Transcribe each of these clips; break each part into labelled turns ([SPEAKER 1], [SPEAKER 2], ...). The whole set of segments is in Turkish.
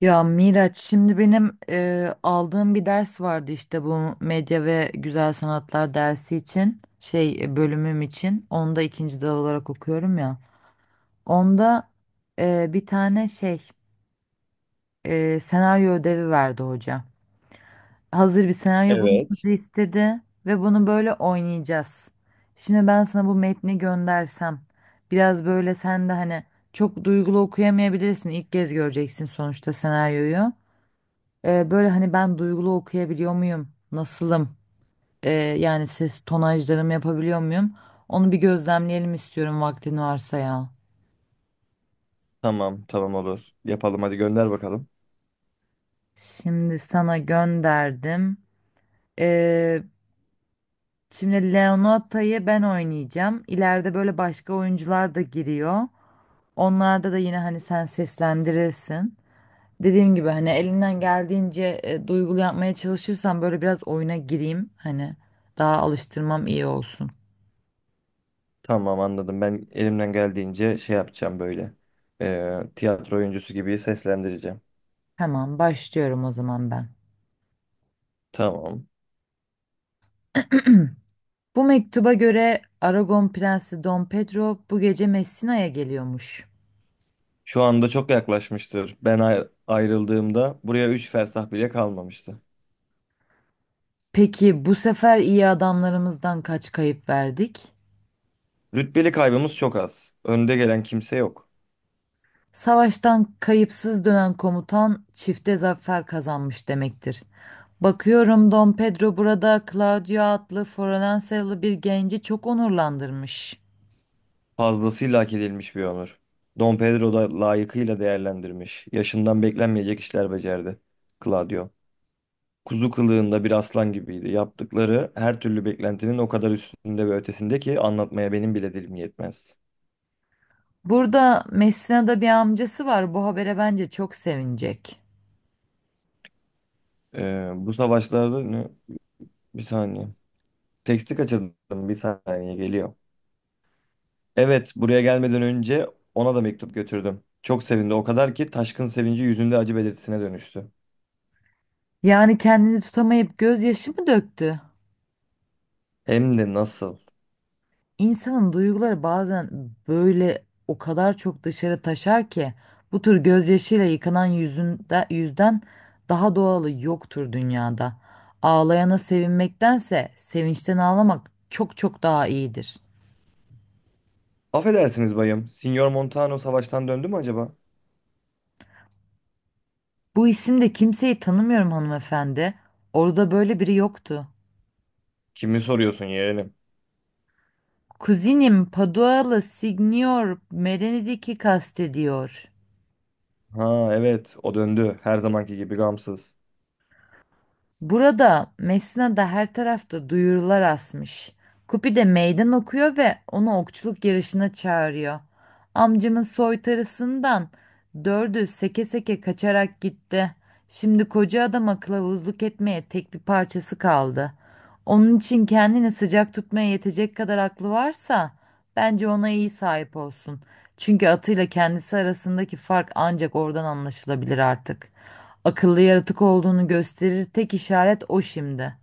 [SPEAKER 1] Ya Miraç, şimdi benim aldığım bir ders vardı, işte bu medya ve güzel sanatlar dersi için, bölümüm için onu da ikinci dal olarak okuyorum ya. Onda bir tane senaryo ödevi verdi hoca. Hazır bir senaryo
[SPEAKER 2] Evet.
[SPEAKER 1] bulmamızı istedi ve bunu böyle oynayacağız. Şimdi ben sana bu metni göndersem, biraz böyle sen de hani çok duygulu okuyamayabilirsin, ilk kez göreceksin sonuçta senaryoyu. Böyle hani ben duygulu okuyabiliyor muyum? Nasılım? Ee, yani ses tonajlarımı yapabiliyor muyum? Onu bir gözlemleyelim istiyorum, vaktin varsa ya.
[SPEAKER 2] Tamam, tamam olur. Yapalım hadi gönder bakalım.
[SPEAKER 1] Şimdi sana gönderdim. Ee, şimdi Leonata'yı ben oynayacağım. İleride böyle başka oyuncular da giriyor. Onlarda da yine hani sen seslendirirsin. Dediğim gibi hani elinden geldiğince duygulu yapmaya çalışırsan, böyle biraz oyuna gireyim. Hani daha alıştırmam iyi olsun.
[SPEAKER 2] Tamam anladım. Ben elimden geldiğince şey yapacağım böyle. Tiyatro oyuncusu gibi seslendireceğim.
[SPEAKER 1] Tamam, başlıyorum o zaman ben.
[SPEAKER 2] Tamam.
[SPEAKER 1] Bu mektuba göre Aragon Prensi Dom Pedro bu gece Messina'ya geliyormuş.
[SPEAKER 2] Şu anda çok yaklaşmıştır. Ben ayrıldığımda buraya 3 fersah bile kalmamıştı.
[SPEAKER 1] Peki bu sefer iyi adamlarımızdan kaç kayıp verdik?
[SPEAKER 2] Rütbeli kaybımız çok az. Önde gelen kimse yok.
[SPEAKER 1] Savaştan kayıpsız dönen komutan çifte zafer kazanmış demektir. Bakıyorum Dom Pedro burada Claudio adlı Floransalı bir genci çok onurlandırmış.
[SPEAKER 2] Fazlasıyla hak edilmiş bir onur. Don Pedro da layıkıyla değerlendirmiş. Yaşından beklenmeyecek işler becerdi. Claudio. Kuzu kılığında bir aslan gibiydi. Yaptıkları her türlü beklentinin o kadar üstünde ve ötesinde ki anlatmaya benim bile dilim yetmez.
[SPEAKER 1] Burada Messina'da bir amcası var. Bu habere bence çok sevinecek.
[SPEAKER 2] Bu savaşlarda ne? Bir saniye. Teksti kaçırdım. Bir saniye geliyor. Evet, buraya gelmeden önce ona da mektup götürdüm. Çok sevindi o kadar ki taşkın sevinci yüzünde acı belirtisine dönüştü.
[SPEAKER 1] Yani kendini tutamayıp gözyaşı mı döktü?
[SPEAKER 2] Hem de nasıl?
[SPEAKER 1] İnsanın duyguları bazen böyle o kadar çok dışarı taşar ki bu tür gözyaşıyla yıkanan yüzünde, yüzden daha doğalı yoktur dünyada. Ağlayana sevinmektense sevinçten ağlamak çok çok daha iyidir.
[SPEAKER 2] Affedersiniz bayım. Signor Montano savaştan döndü mü acaba?
[SPEAKER 1] Bu isimde kimseyi tanımıyorum hanımefendi. Orada böyle biri yoktu.
[SPEAKER 2] Kimi soruyorsun yeğenim?
[SPEAKER 1] Kuzinim Padualı Signor Merenidik'i kastediyor.
[SPEAKER 2] Ha evet, o döndü. Her zamanki gibi gamsız.
[SPEAKER 1] Burada Mesna'da her tarafta duyurular asmış. Kupi de meydan okuyor ve onu okçuluk yarışına çağırıyor. Amcamın soytarısından dördü seke seke kaçarak gitti. Şimdi koca adama kılavuzluk etmeye tek bir parçası kaldı. Onun için kendini sıcak tutmaya yetecek kadar aklı varsa, bence ona iyi sahip olsun. Çünkü atıyla kendisi arasındaki fark ancak oradan anlaşılabilir artık. Akıllı yaratık olduğunu gösterir tek işaret o şimdi.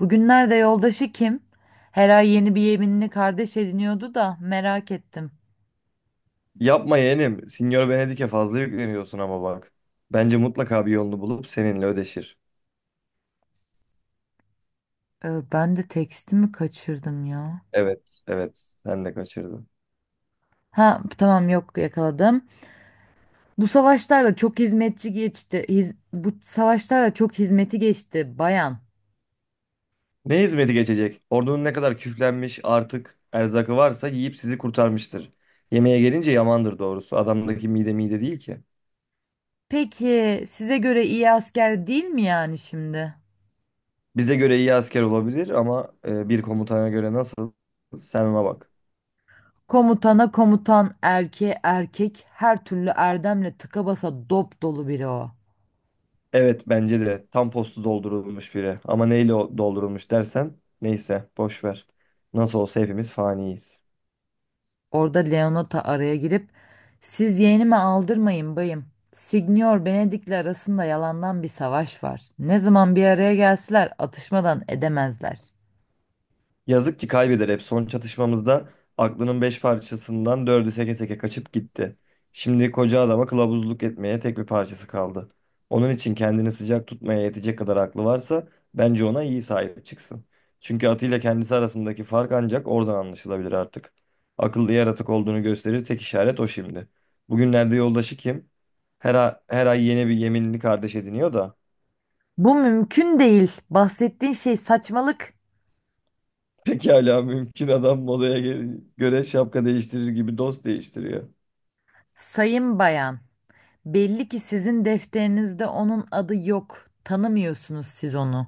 [SPEAKER 1] Bugünlerde yoldaşı kim? Her ay yeni bir yeminli kardeş ediniyordu da merak ettim.
[SPEAKER 2] Yapma yeğenim. Sinyor Venedik'e fazla yükleniyorsun ama bak. Bence mutlaka bir yolunu bulup seninle ödeşir.
[SPEAKER 1] Ben de tekstimi kaçırdım ya.
[SPEAKER 2] Evet, evet. Sen de kaçırdın.
[SPEAKER 1] Ha tamam, yok, yakaladım. Bu savaşlarla çok hizmetçi geçti. Bu savaşlarla çok hizmeti geçti bayan.
[SPEAKER 2] Ne hizmeti geçecek? Ordunun ne kadar küflenmiş artık erzakı varsa yiyip sizi kurtarmıştır. Yemeğe gelince yamandır doğrusu. Adamdaki mide mide değil ki.
[SPEAKER 1] Peki size göre iyi asker değil mi yani şimdi?
[SPEAKER 2] Bize göre iyi asker olabilir ama bir komutana göre nasıl? Sen ona bak.
[SPEAKER 1] Komutana komutan, erkeğe erkek, her türlü erdemle tıka basa dop dolu biri o.
[SPEAKER 2] Evet bence de tam postu doldurulmuş biri. Ama neyle doldurulmuş dersen neyse boş ver. Nasıl olsa hepimiz faniyiz.
[SPEAKER 1] Orada Leonota araya girip siz yeğenime aldırmayın bayım. Signor Benedik'le arasında yalandan bir savaş var. Ne zaman bir araya gelseler atışmadan edemezler.
[SPEAKER 2] Yazık ki kaybeder hep. Son çatışmamızda aklının beş parçasından dördü seke seke kaçıp gitti. Şimdi koca adama kılavuzluk etmeye tek bir parçası kaldı. Onun için kendini sıcak tutmaya yetecek kadar aklı varsa bence ona iyi sahip çıksın. Çünkü atıyla kendisi arasındaki fark ancak oradan anlaşılabilir artık. Akıllı yaratık olduğunu gösterir tek işaret o şimdi. Bugünlerde yoldaşı kim? Her ay yeni bir yeminli kardeş ediniyor da.
[SPEAKER 1] Bu mümkün değil. Bahsettiğin şey saçmalık.
[SPEAKER 2] Pekala mümkün adam modaya göre şapka değiştirir gibi dost değiştiriyor.
[SPEAKER 1] Sayın bayan, belli ki sizin defterinizde onun adı yok. Tanımıyorsunuz siz onu.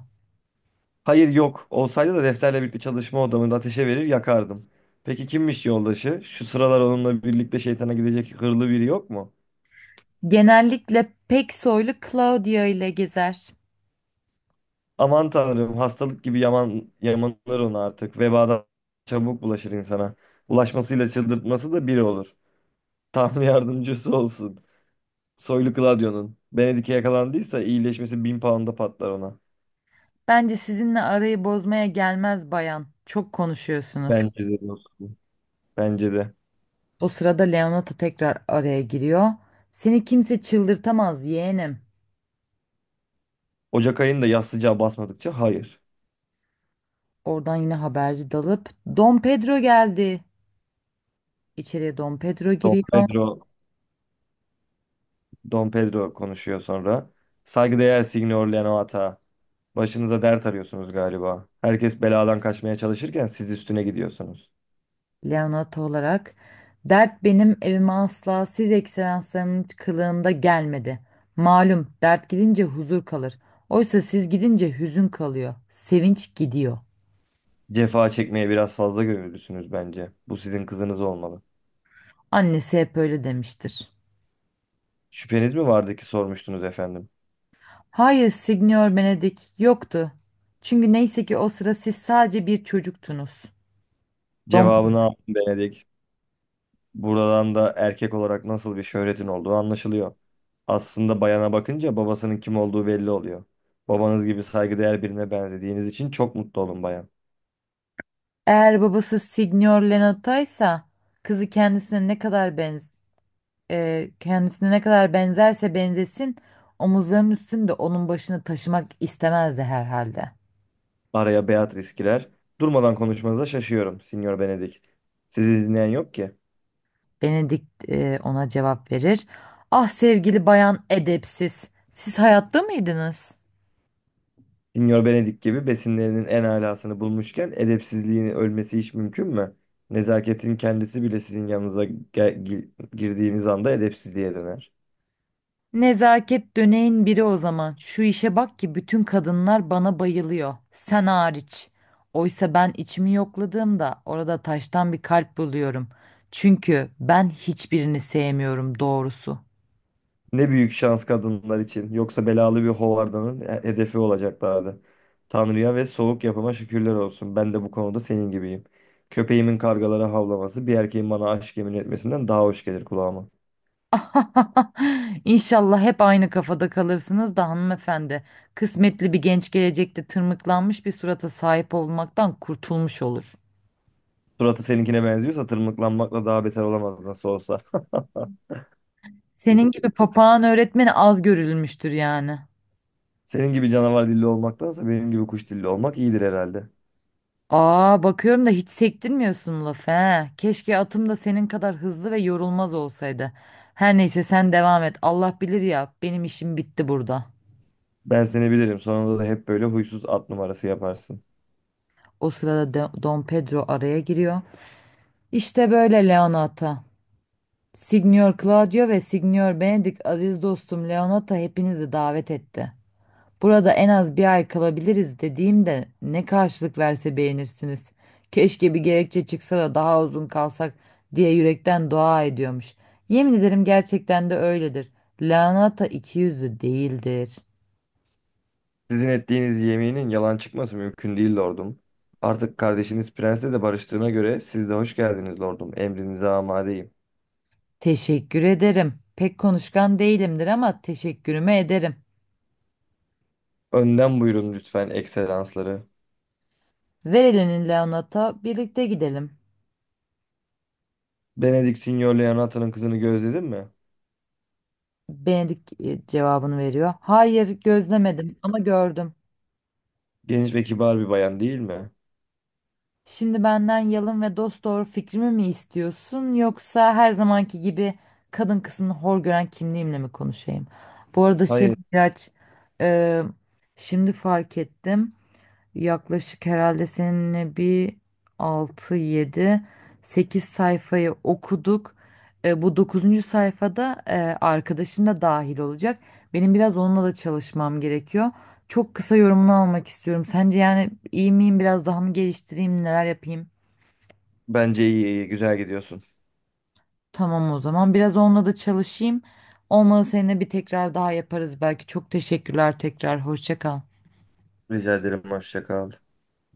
[SPEAKER 2] Hayır yok. Olsaydı da defterle birlikte çalışma odamında ateşe verir yakardım. Peki kimmiş yoldaşı? Şu sıralar onunla birlikte şeytana gidecek hırlı biri yok mu?
[SPEAKER 1] Genellikle pek soylu Claudia ile gezer.
[SPEAKER 2] Aman tanrım hastalık gibi yaman, yamanır onu artık. Vebadan çabuk bulaşır insana. Bulaşmasıyla çıldırtması da biri olur. Tanrı yardımcısı olsun. Soylu Claudio'nun. Benedik'e yakalandıysa iyileşmesi bin pound'a patlar ona.
[SPEAKER 1] Bence sizinle arayı bozmaya gelmez bayan. Çok konuşuyorsunuz.
[SPEAKER 2] Bence de dostum. Bence de.
[SPEAKER 1] O sırada Leonata tekrar araya giriyor. Seni kimse çıldırtamaz yeğenim.
[SPEAKER 2] Ocak ayında yaz sıcağı basmadıkça hayır.
[SPEAKER 1] Oradan yine haberci dalıp Don Pedro geldi. İçeriye Don Pedro
[SPEAKER 2] Don
[SPEAKER 1] giriyor.
[SPEAKER 2] Pedro Don Pedro konuşuyor sonra. Saygıdeğer Signor Leonata. Başınıza dert arıyorsunuz galiba. Herkes beladan kaçmaya çalışırken siz üstüne gidiyorsunuz.
[SPEAKER 1] Leonata olarak. Dert benim evime asla siz ekselanslarımın kılığında gelmedi. Malum dert gidince huzur kalır. Oysa siz gidince hüzün kalıyor. Sevinç gidiyor.
[SPEAKER 2] Cefa çekmeye biraz fazla gönüllüsünüz bence. Bu sizin kızınız olmalı.
[SPEAKER 1] Annesi hep öyle demiştir.
[SPEAKER 2] Şüpheniz mi vardı ki sormuştunuz efendim?
[SPEAKER 1] Hayır Signor Benedik, yoktu. Çünkü neyse ki o sıra siz sadece bir çocuktunuz. Dom
[SPEAKER 2] Cevabını aldım Benedik. Buradan da erkek olarak nasıl bir şöhretin olduğu anlaşılıyor. Aslında bayana bakınca babasının kim olduğu belli oluyor. Babanız gibi saygıdeğer birine benzediğiniz için çok mutlu olun bayan.
[SPEAKER 1] Eğer babası Signor Lenotto ise, kızı kendisine ne kadar kendisine ne kadar benzerse benzesin, omuzlarının üstünde onun başını taşımak istemezdi herhalde.
[SPEAKER 2] Araya Beatrice girer. Durmadan konuşmanıza şaşıyorum, Sinyor Benedik. Sizi dinleyen yok ki.
[SPEAKER 1] Benedikt ona cevap verir. Ah sevgili bayan edepsiz. Siz hayatta mıydınız?
[SPEAKER 2] Sinyor Benedik gibi besinlerinin en alasını bulmuşken edepsizliğin ölmesi hiç mümkün mü? Nezaketin kendisi bile sizin yanınıza girdiğiniz anda edepsizliğe döner.
[SPEAKER 1] Nezaket döneğin biri o zaman. Şu işe bak ki bütün kadınlar bana bayılıyor. Sen hariç. Oysa ben içimi yokladığımda orada taştan bir kalp buluyorum. Çünkü ben hiçbirini sevmiyorum doğrusu.
[SPEAKER 2] Ne büyük şans kadınlar için. Yoksa belalı bir hovardanın hedefi olacaklardı. Tanrı'ya ve soğuk yapıma şükürler olsun. Ben de bu konuda senin gibiyim. Köpeğimin kargalara havlaması bir erkeğin bana aşk yemin etmesinden daha hoş gelir kulağıma.
[SPEAKER 1] İnşallah hep aynı kafada kalırsınız da hanımefendi. Kısmetli bir genç gelecekte tırmıklanmış bir surata sahip olmaktan kurtulmuş olur.
[SPEAKER 2] Suratı seninkine benziyorsa tırmıklanmakla daha beter olamaz nasıl olsa.
[SPEAKER 1] Senin gibi papağan öğretmeni az görülmüştür yani.
[SPEAKER 2] Senin gibi canavar dilli olmaktansa benim gibi kuş dilli olmak iyidir herhalde.
[SPEAKER 1] Aa bakıyorum da hiç sektirmiyorsun lafı, he. Keşke atım da senin kadar hızlı ve yorulmaz olsaydı. Her neyse sen devam et. Allah bilir ya, benim işim bitti burada.
[SPEAKER 2] Ben seni bilirim. Sonunda da hep böyle huysuz at numarası yaparsın.
[SPEAKER 1] O sırada Don Pedro araya giriyor. İşte böyle Leonata. Signor Claudio ve Signor Benedict, aziz dostum Leonata hepinizi davet etti. Burada en az bir ay kalabiliriz dediğimde ne karşılık verse beğenirsiniz. Keşke bir gerekçe çıksa da daha uzun kalsak diye yürekten dua ediyormuş. Yemin ederim gerçekten de öyledir. Lanata ikiyüzlü değildir.
[SPEAKER 2] Sizin ettiğiniz yeminin yalan çıkması mümkün değil lordum. Artık kardeşiniz prensle de barıştığına göre siz de hoş geldiniz lordum. Emrinize amadeyim.
[SPEAKER 1] Teşekkür ederim. Pek konuşkan değilimdir ama teşekkürümü ederim.
[SPEAKER 2] Önden buyurun lütfen ekselansları.
[SPEAKER 1] Ver elini Leonata, birlikte gidelim.
[SPEAKER 2] Benedict Signor Leonato'nun kızını gözledin mi?
[SPEAKER 1] Benedik cevabını veriyor. Hayır, gözlemedim ama gördüm.
[SPEAKER 2] Genç ve kibar bir bayan değil mi?
[SPEAKER 1] Şimdi benden yalın ve dosdoğru fikrimi mi istiyorsun, yoksa her zamanki gibi kadın kısmını hor gören kimliğimle mi konuşayım? Bu arada
[SPEAKER 2] Hayır.
[SPEAKER 1] biraz e, şimdi fark ettim, yaklaşık herhalde seninle bir 6 7 8 sayfayı okuduk. Bu dokuzuncu sayfada arkadaşın da dahil olacak. Benim biraz onunla da çalışmam gerekiyor. Çok kısa yorumunu almak istiyorum. Sence yani iyi miyim? Biraz daha mı geliştireyim? Neler yapayım?
[SPEAKER 2] Bence iyi iyi güzel gidiyorsun.
[SPEAKER 1] Tamam o zaman. Biraz onunla da çalışayım. Olmadı seninle bir tekrar daha yaparız belki. Çok teşekkürler tekrar. Hoşça kal.
[SPEAKER 2] Rica ederim. Hoşça kal.